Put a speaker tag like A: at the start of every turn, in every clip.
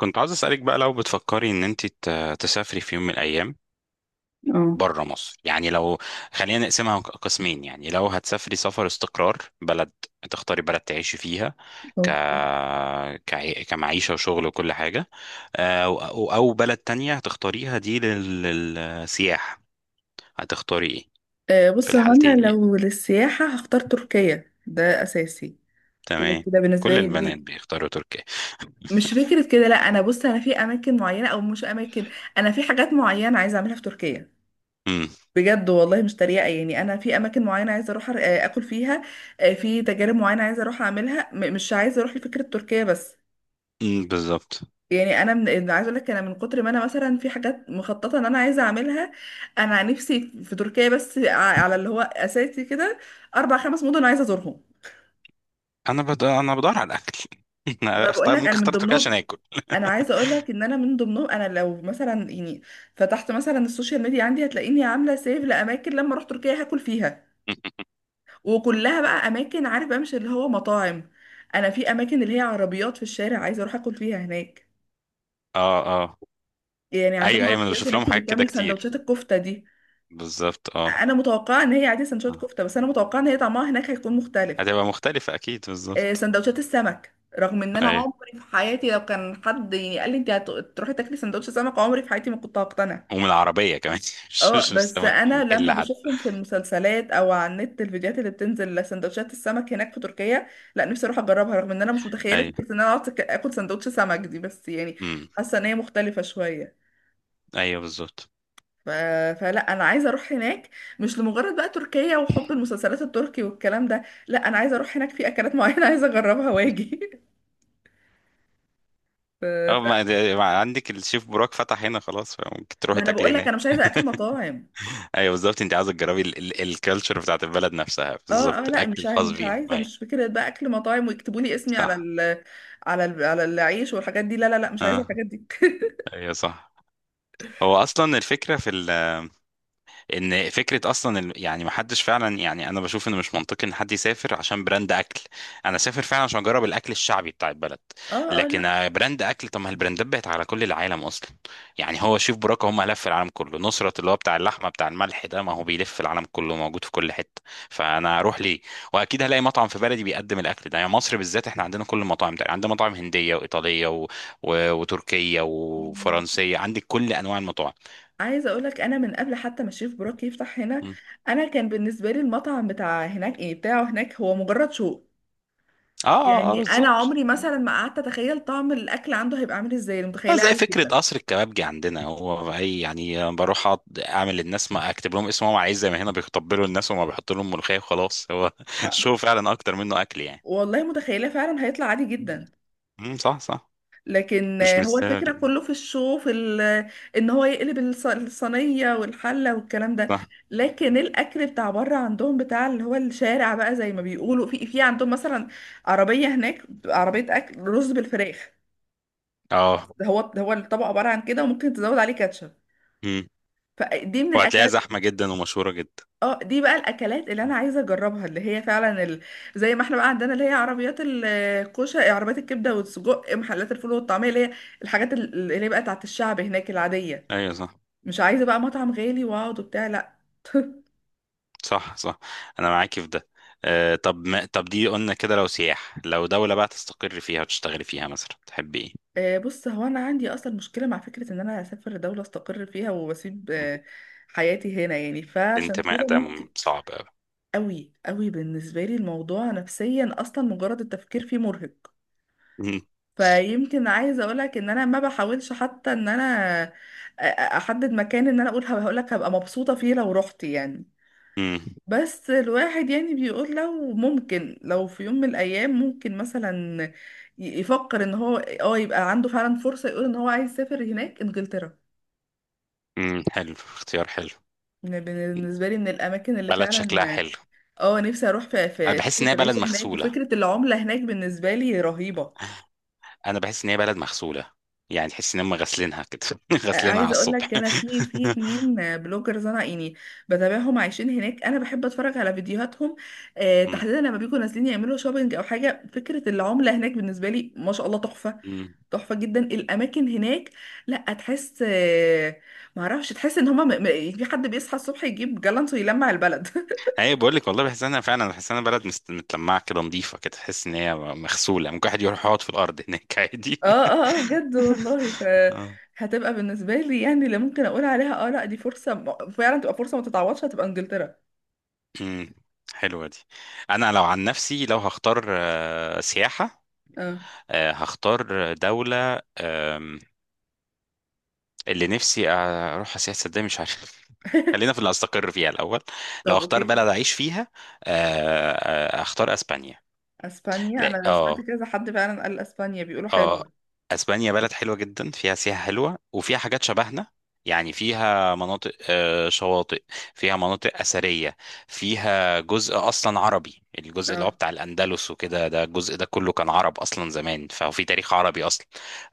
A: كنت عاوز أسألك بقى لو بتفكري إن أنت تسافري في يوم من الأيام
B: اه
A: بره مصر. يعني لو، خلينا نقسمها قسمين. يعني لو هتسافري سفر استقرار بلد، تختاري بلد تعيشي فيها ك...
B: أوكي.
A: كمعيشة وشغل وكل حاجة، أو بلد تانية هتختاريها دي للسياحة، هتختاري إيه في
B: بص، هو انا
A: الحالتين؟ يعني
B: لو للسياحة هختار تركيا، ده اساسي. كده
A: تمام.
B: كده بالنسبة
A: كل
B: لي
A: البنات
B: دي.
A: بيختاروا تركيا.
B: مش فكرة كده، لا، انا بص، انا في اماكن معينة او مش اماكن. انا في حاجات معينة عايزة اعملها في تركيا.
A: امم
B: بجد والله، مش تريقة، يعني انا في اماكن معينة عايزة اروح اكل فيها. في تجارب معينة عايزة اروح اعملها، مش عايزة اروح لفكرة تركيا بس.
A: أمم، بالظبط.
B: يعني انا أنا عايزه اقول لك، انا من كتر ما انا مثلا في حاجات مخططه ان انا عايزه اعملها. انا نفسي في تركيا، بس على اللي هو اساسي كده، اربع خمس مدن عايزه ازورهم.
A: أنا بدور على الأكل
B: ما
A: أنا
B: بقول لك انا من
A: اختار تركيا عشان
B: ضمنهم.
A: آكل
B: انا عايزه اقول لك ان انا من ضمنهم. انا لو مثلا يعني فتحت مثلا السوشيال ميديا عندي، هتلاقيني عامله سيف لاماكن لما اروح تركيا هاكل فيها. وكلها بقى اماكن، عارف، بقى مش اللي هو مطاعم. انا في اماكن اللي هي عربيات في الشارع عايزه اروح اكل فيها هناك.
A: اه،
B: يعني
A: ايوه
B: عندهم
A: ايوه انا
B: عربيات
A: بشوف لهم
B: هناك اللي
A: حاجات كده
B: بتعمل
A: كتير،
B: سندوتشات الكفته دي.
A: بالظبط اه.
B: انا متوقعه ان هي عادي سندوتشات
A: آه.
B: كفته، بس انا متوقعه ان هي طعمها هناك هيكون مختلف.
A: هتبقى مختلفة اكيد، بالظبط.
B: سندوتشات السمك، رغم ان انا
A: ايوه،
B: عمري في حياتي لو كان حد يعني قال لي انت هتروحي تاكلي سندوتش سمك، عمري في حياتي ما كنت هقتنع.
A: ومن العربية كمان مش
B: اه،
A: مش
B: بس
A: السمك من
B: انا لما
A: محل حتى.
B: بشوفهم في المسلسلات او على النت، الفيديوهات اللي بتنزل لسندوتشات السمك هناك في تركيا، لا، نفسي اروح اجربها، رغم ان انا مش متخيله
A: ايوه.
B: فكره ان انا اقعد اكل سندوتش سمك دي، بس يعني
A: امم
B: حاسه ان هي مختلفه شويه.
A: ايوه بالظبط
B: ف... فلا، انا عايزه اروح هناك، مش لمجرد بقى تركيا وحب المسلسلات التركي والكلام ده، لا، انا عايزه اروح هناك في اكلات معينه عايزه اجربها واجي. ف...
A: اه. ما
B: ف...
A: ما عندك الشيف براك فتح هنا خلاص، فممكن
B: ما
A: تروحي
B: انا
A: تاكلي
B: بقول لك
A: هناك
B: انا مش عايزه اكل مطاعم.
A: ايوه بالظبط، انت عاوزه تجربي الكالتشر بتاعت البلد نفسها،
B: اه اه،
A: بالظبط
B: لا،
A: الاكل الخاص
B: مش
A: بيهم.
B: عايزه،
A: ايوه
B: مش فكره بقى اكل مطاعم ويكتبوا لي اسمي
A: صح
B: على العيش والحاجات دي، لا لا لا، مش عايزه
A: اه،
B: الحاجات دي.
A: ايوه صح. هو اصلا الفكره في ال، ان فكره اصلا يعني ما حدش فعلا، يعني انا بشوف ان مش منطقي ان حد يسافر عشان براند اكل. انا سافر فعلا عشان اجرب الاكل الشعبي بتاع البلد.
B: اه اه،
A: لكن
B: لا،
A: براند اكل، طب ما البراندات بقت على كل العالم اصلا. يعني هو شيف براكه هم لف العالم كله، نصرت اللي هو بتاع اللحمه بتاع الملح ده ما هو بيلف العالم كله، موجود في كل حته. فانا اروح ليه؟ واكيد هلاقي مطعم في بلدي بيقدم الاكل ده. يعني مصر بالذات احنا عندنا كل المطاعم ده، عندنا مطاعم هنديه وايطاليه وتركيه وفرنسيه، عندك كل انواع المطاعم.
B: عايزه اقول لك، انا من قبل حتى ما الشيف بروك يفتح هنا،
A: م.
B: انا كان بالنسبه لي المطعم بتاع هناك، ايه، بتاعه هناك، هو مجرد شوق.
A: اه اه، آه،
B: يعني انا
A: بالظبط.
B: عمري مثلا ما قعدت اتخيل طعم الاكل عنده هيبقى عامل ازاي، أنا
A: اه
B: متخيلاه
A: زي
B: عادي
A: فكرة
B: جدا.
A: قصر الكبابجي عندنا، هو أي يعني بروح أقعد أعمل للناس ما أكتب لهم اسمهم عايز، زي ما هنا بيتقبلوا الناس وما بيحط لهم ملوخية وخلاص. هو
B: آه،
A: الشو فعلا أكتر منه أكل يعني.
B: والله متخيلاه فعلا هيطلع عادي جدا.
A: صح صح،
B: لكن
A: مش
B: هو الفكرة
A: مستاهل.
B: كله في الشو، ان هو يقلب الصينية والحلة والكلام ده.
A: صح.
B: لكن الاكل بتاع بره عندهم، بتاع اللي هو الشارع بقى، زي ما بيقولوا، في عندهم مثلا عربية هناك بتبقى عربية اكل رز بالفراخ.
A: اه.
B: ده هو الطبق، عبارة عن كده، وممكن تزود عليه كاتشب.
A: امم
B: فدي من
A: وهتلاقيها
B: الاكلات.
A: زحمة جدا ومشهورة جدا.
B: اه، دي بقى الاكلات اللي انا عايزه اجربها، اللي هي فعلا زي ما احنا بقى عندنا اللي هي عربيات الكوشه، عربيات الكبده والسجق، محلات الفول والطعميه، اللي هي الحاجات اللي هي بقى بتاعت الشعب هناك العاديه.
A: أيوة صح
B: مش عايزه بقى مطعم غالي واقعد وبتاع، لا.
A: صح صح، أنا معاكي في ده. آه طب ما طب دي قلنا كده لو سياح، لو دولة بقى تستقر فيها وتشتغلي فيها مثلا تحبي إيه؟
B: بص، هو انا عندي اصلا مشكله مع فكره ان انا اسافر دوله استقر فيها واسيب
A: مم.
B: حياتي هنا، يعني فعشان
A: الانتماء
B: كده
A: ده
B: ممكن.
A: صعب أوي.
B: قوي قوي بالنسبه لي الموضوع نفسيا، اصلا مجرد التفكير فيه مرهق.
A: مم.
B: فيمكن عايزه اقولك ان انا ما بحاولش حتى ان انا أ- أ- احدد مكان ان انا اقول هقولك هبقى مبسوطه فيه لو رحت يعني.
A: مم.
B: بس الواحد يعني بيقول، لو ممكن، لو في يوم من الايام ممكن مثلا يفكر ان هو يبقى عنده فعلا فرصه، يقول ان هو عايز يسافر هناك انجلترا.
A: امم، حلو، اختيار حلو،
B: بالنسبه لي، من الاماكن اللي
A: بلد
B: فعلا،
A: شكلها حلو.
B: اه، نفسي اروح في
A: انا
B: في
A: بحس
B: فكره
A: ان هي بلد
B: العيشه هناك
A: مغسوله،
B: وفكره العمله هناك بالنسبه لي رهيبه.
A: انا بحس ان هي بلد مغسوله. يعني تحس ان هم غاسلينها كده غاسلينها على
B: عايزه اقول
A: الصبح
B: لك انا في 2 بلوجرز انا يعني بتابعهم، عايشين هناك، انا بحب اتفرج على فيديوهاتهم.
A: امم
B: تحديدا لما بيكونوا نازلين يعملوا شوبينج او حاجه، فكره العمله هناك بالنسبه لي ما شاء الله تحفه.
A: امم
B: تحفه جدا الاماكن هناك. لا، تحس ما اعرفش، تحس ان هما يعني في حد بيصحى الصبح يجيب جالانت ويلمع البلد.
A: اي بقول لك والله بحس انها فعلا، بحس انها بلد متلمعه كده، نظيفه كده، تحس ان هي مغسوله. ممكن واحد يروح يقعد في الارض هناك عادي
B: اه اه اه، بجد والله.
A: اه.
B: هتبقى بالنسبه لي يعني اللي ممكن اقول عليها اه لا دي فرصه فعلا تبقى فرصه ما تتعوضش، هتبقى انجلترا.
A: امم حلوه دي. انا لو عن نفسي لو هختار سياحه،
B: اه،
A: هختار دولة اللي نفسي اروح سياحه، صدق مش عارف خلينا في اللي هستقر فيها الاول. لو
B: طب
A: اختار
B: اوكي.
A: بلد اعيش فيها، آه، اختار اسبانيا.
B: اسبانيا،
A: لا
B: انا سمعت
A: اه
B: كذا حد فعلا قال اسبانيا، بيقولوا
A: اه،
B: حلوة.
A: اسبانيا بلد حلوه جدا، فيها سياحه حلوه وفيها حاجات شبهنا. يعني فيها مناطق شواطئ، فيها مناطق اثريه، فيها جزء اصلا عربي، الجزء اللي هو
B: اه،
A: بتاع الاندلس وكده، ده الجزء ده كله كان عرب اصلا زمان، ففي تاريخ عربي اصلا.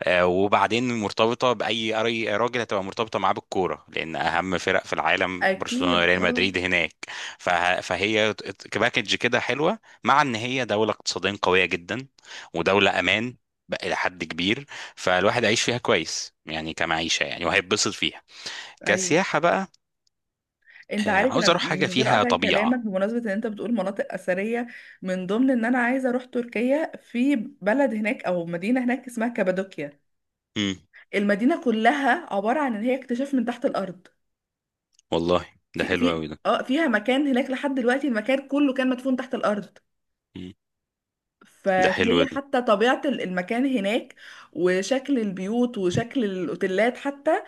A: وبعدين مرتبطه باي أي راجل هتبقى مرتبطه معاه بالكوره، لان اهم فرق في العالم برشلونه
B: اكيد.
A: وريال
B: اه،
A: مدريد هناك. فهي كباكج كده حلوه، مع ان هي دوله اقتصاديا قويه جدا ودولة أمان بقى إلى حد كبير. فالواحد هيعيش فيها كويس يعني، كمعيشة يعني، وهيتبسط فيها
B: ايوه.
A: كسياحة بقى.
B: انت عارف انا
A: عاوز أروح
B: يعني
A: حاجة
B: من غير
A: فيها
B: قطع كلامك،
A: طبيعة.
B: بمناسبه ان انت بتقول مناطق اثريه، من ضمن ان انا عايزه اروح تركيا، في بلد هناك او مدينه هناك اسمها كابادوكيا.
A: مم.
B: المدينه كلها عباره عن ان هي اكتشاف من تحت الارض.
A: والله، ده
B: في
A: حلو أوي
B: في
A: ده.
B: اه فيها مكان هناك لحد دلوقتي المكان كله كان مدفون تحت الارض.
A: مم. ده حلو
B: فهي
A: دي.
B: حتى طبيعه المكان هناك وشكل البيوت وشكل الاوتيلات حتى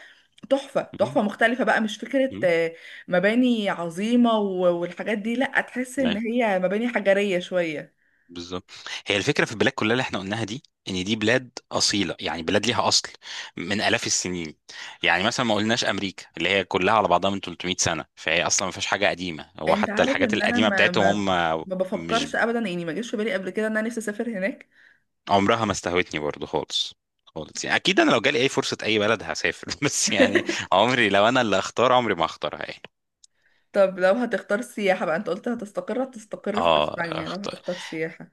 B: تحفة
A: مم.
B: تحفة، مختلفة بقى، مش فكرة
A: مم.
B: مباني عظيمة والحاجات دي، لأ، تحس إن
A: أيوه
B: هي مباني حجرية شوية.
A: بالظبط. هي الفكرة في البلاد كلها اللي احنا قلناها دي، إن دي بلاد أصيلة، يعني بلاد ليها أصل من آلاف السنين. يعني مثلا ما قلناش أمريكا اللي هي كلها على بعضها من 300 سنة، فهي أصلا ما فيهاش حاجة قديمة، هو
B: أنت
A: حتى
B: عارف
A: الحاجات
B: إن أنا
A: القديمة
B: ما ما
A: بتاعتهم هم.
B: ما
A: مش
B: بفكرش أبدا، يعني ما جاش في بالي قبل كده إن أنا نفسي أسافر هناك.
A: عمرها ما استهوتني برضو خالص خالص. يعني اكيد انا لو جالي اي فرصه، اي بلد هسافر بس يعني عمري، لو انا اللي اختار عمري ما اختارها يعني.
B: طب لو هتختار سياحة بقى، أنت قلت هتستقر في
A: اه
B: أسبانيا، لو
A: اختار
B: هتختار سياحة،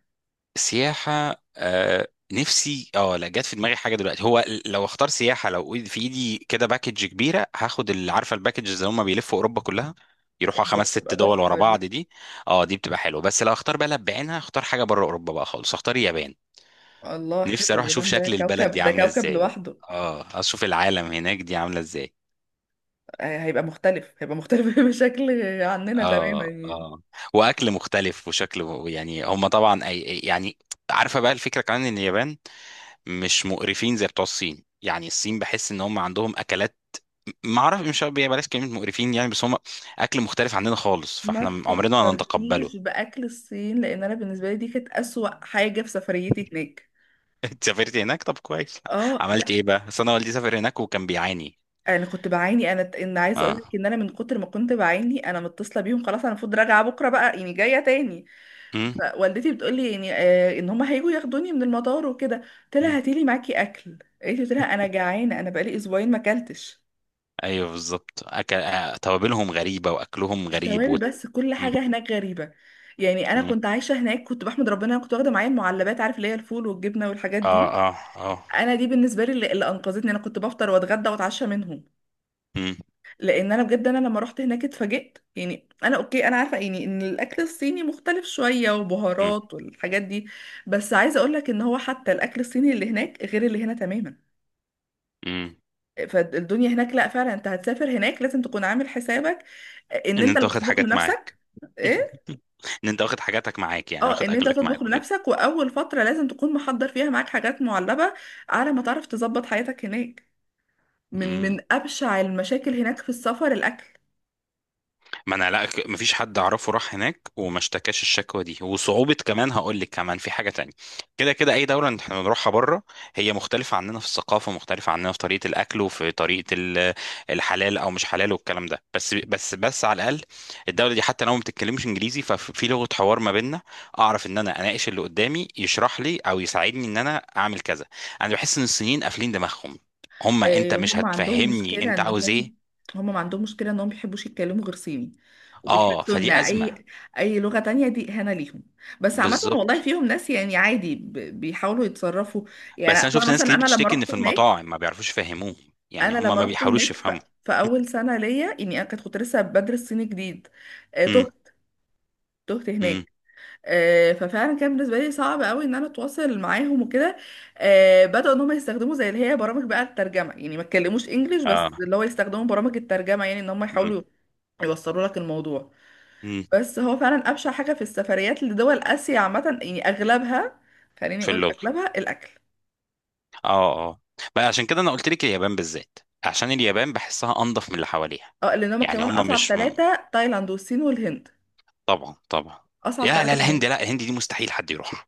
A: سياحه، آه نفسي اه، لا جت في دماغي حاجه دلوقتي. هو لو اختار سياحه، لو في ايدي كده باكج كبيره هاخد، اللي عارفه الباكج اللي هم بيلفوا اوروبا كلها، يروحوا خمس
B: بتبقى
A: ست دول ورا
B: تحفة دي.
A: بعض دي. اه دي بتبقى حلوه. بس لو اختار بلد بعينها، اختار حاجه بره اوروبا بقى خالص، اختار اليابان.
B: الله،
A: نفسي
B: حلوة
A: اروح اشوف
B: اليابان، ده
A: شكل البلد دي
B: كوكب، ده
A: عامله
B: كوكب
A: ازاي،
B: لوحده.
A: اه اشوف العالم هناك دي عامله ازاي.
B: هيبقى مختلف، هيبقى مختلف بشكل عننا تماما
A: اه
B: يعني.
A: اه، واكل مختلف وشكل يعني هم طبعا أي يعني. عارفه بقى الفكره كمان ان اليابان مش مقرفين زي بتوع الصين. يعني الصين بحس ان هم عندهم اكلات، ما اعرف، مش عارف- بلاش كلمه مقرفين يعني، بس هم اكل مختلف عننا خالص،
B: ما
A: فاحنا عمرنا ما هنتقبله.
B: تفكرنيش باكل الصين، لان انا بالنسبه لي دي كانت اسوأ حاجه في سفريتي هناك.
A: انت سافرت هناك؟ طب كويس،
B: اه،
A: عملت
B: لا،
A: ايه بقى؟ بس انا والدي سافر هناك وكان بيعاني.
B: انا كنت بعاني. انا، ان عايزه اقول
A: اه.
B: لك ان انا من كتر ما كنت بعاني انا متصله بيهم خلاص، انا المفروض راجعه بكره بقى، يعني جايه تاني.
A: مم.
B: فوالدتي بتقول لي يعني ان هم هيجوا ياخدوني من المطار وكده، قلت لها
A: مم.
B: هاتي لي معاكي اكل، قالت لي، قلت لها انا جعانه، انا بقالي اسبوعين ما اكلتش.
A: ايوه بالظبط، أكل... آه، توابلهم غريبه واكلهم
B: مش
A: غريب
B: توابل بس، كل
A: مم.
B: حاجه هناك غريبه. يعني انا
A: مم.
B: كنت عايشه هناك كنت بحمد ربنا انا كنت واخده معايا المعلبات، عارف، اللي هي الفول والجبنه والحاجات
A: اه
B: دي.
A: اه اه.
B: انا دي بالنسبه لي اللي انقذتني، انا كنت بفطر واتغدى واتعشى منهم. لان انا بجد، انا لما رحت هناك اتفاجئت، يعني انا اوكي، انا عارفه يعني ان الاكل الصيني مختلف شويه
A: مم.
B: وبهارات والحاجات دي. بس عايزه اقول لك ان هو حتى الاكل الصيني اللي هناك غير اللي هنا تماما.
A: امم،
B: فالدنيا هناك، لا فعلا، انت هتسافر هناك لازم تكون عامل حسابك ان
A: ان
B: انت
A: انت
B: اللي
A: واخد
B: تطبخ
A: حاجات معاك
B: لنفسك. ايه.
A: ان انت واخد حاجاتك معاك، يعني
B: اه،
A: واخد
B: ان انت
A: اكلك
B: تطبخ
A: معاك وكده.
B: لنفسك، واول فتره لازم تكون محضر فيها معاك حاجات معلبه على ما تعرف تظبط حياتك هناك. من
A: امم.
B: من أبشع المشاكل هناك في السفر الأكل.
A: ما انا، لا، مفيش حد اعرفه راح هناك وما اشتكاش الشكوى دي، وصعوبة كمان هقول لك كمان في حاجة تانية. كده كده اي دولة احنا بنروحها بره هي مختلفة عننا في الثقافة، مختلفة عننا في طريقة الاكل وفي طريقة الحلال او مش حلال والكلام ده. بس على الاقل الدولة دي حتى لو ما بتتكلمش انجليزي، ففي لغة حوار ما بيننا، اعرف ان انا اناقش اللي قدامي يشرح لي او يساعدني ان انا اعمل كذا. انا بحس ان الصينيين قافلين دماغهم، هما انت مش
B: هم عندهم
A: هتفهمني
B: مشكلة
A: انت
B: إن
A: عاوز
B: هم،
A: ايه.
B: هم ما عندهم مشكلة إنهم بيحبوش يتكلموا غير صيني،
A: اه
B: وبيحسوا إن
A: فدي ازمة.
B: أي لغة تانية دي إهانة ليهم. بس عامة
A: بالظبط.
B: والله فيهم ناس يعني عادي بيحاولوا يتصرفوا. يعني
A: بس انا
B: أنا
A: شفت ناس
B: مثلا
A: كتير
B: أنا لما
A: بتشتكي ان
B: رحت
A: في
B: هناك،
A: المطاعم ما بيعرفوش يفهموه، يعني
B: أنا
A: هم
B: لما
A: ما
B: رحت
A: بيحاولوش
B: هناك،
A: يفهموا.
B: في أول سنة ليا يعني، أنا كنت لسه بدرس صيني جديد.
A: امم
B: تهت. تهت
A: امم
B: هناك. ففعلا كان بالنسبه لي صعب قوي ان انا اتواصل معاهم وكده. بداوا ان هم يستخدموا زي اللي هي برامج بقى الترجمه، يعني ما تكلموش انجليش،
A: اه.
B: بس اللي هو يستخدموا برامج الترجمه يعني ان هم
A: امم
B: يحاولوا يوصلوا لك الموضوع.
A: امم
B: بس هو فعلا ابشع حاجه في السفريات لدول اسيا عامه، يعني اغلبها، خليني
A: في
B: اقول
A: اللغه.
B: اغلبها الاكل.
A: اه اه. بقى عشان كده انا قلت لك اليابان بالذات، عشان اليابان بحسها انضف من اللي حواليها.
B: اه، لان هم
A: يعني
B: كمان
A: هم
B: اصعب
A: مش،
B: ثلاثه تايلاند والصين والهند،
A: طبعا طبعا.
B: اصعب
A: يا لا
B: ثلاثه في
A: الهند،
B: موضوع.
A: لا الهند دي مستحيل حد يروح.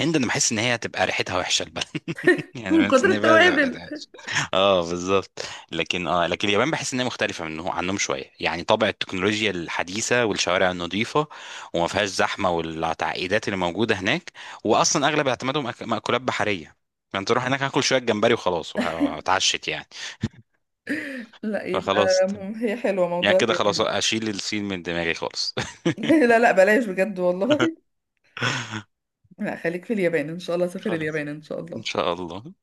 A: الهند انا بحس ان هي هتبقى ريحتها وحشه البلد يعني
B: من
A: بحس
B: كتر
A: ان هي بلد هتبقى ريحتها
B: التوابل.
A: وحشة. اه بالظبط. لكن اه، لكن اليابان بحس ان هي مختلفه منهم عنهم شويه، يعني طابع التكنولوجيا الحديثه والشوارع النظيفه، وما فيهاش زحمه والتعقيدات اللي موجوده هناك. واصلا اغلب اعتمادهم مأكولات بحريه، فانت تروح هناك هاكل شويه جمبري وخلاص وهتعشت يعني.
B: لا، يبقى
A: فخلاص،
B: هي حلوه
A: يعني
B: موضوع
A: كده خلاص
B: اليابان.
A: اشيل الصين من دماغي خالص
B: لا لا، بلاش بجد والله. لا، خليك في اليابان ان شاء الله، سافر
A: خلاص
B: اليابان ان شاء
A: ان
B: الله.
A: شاء الله.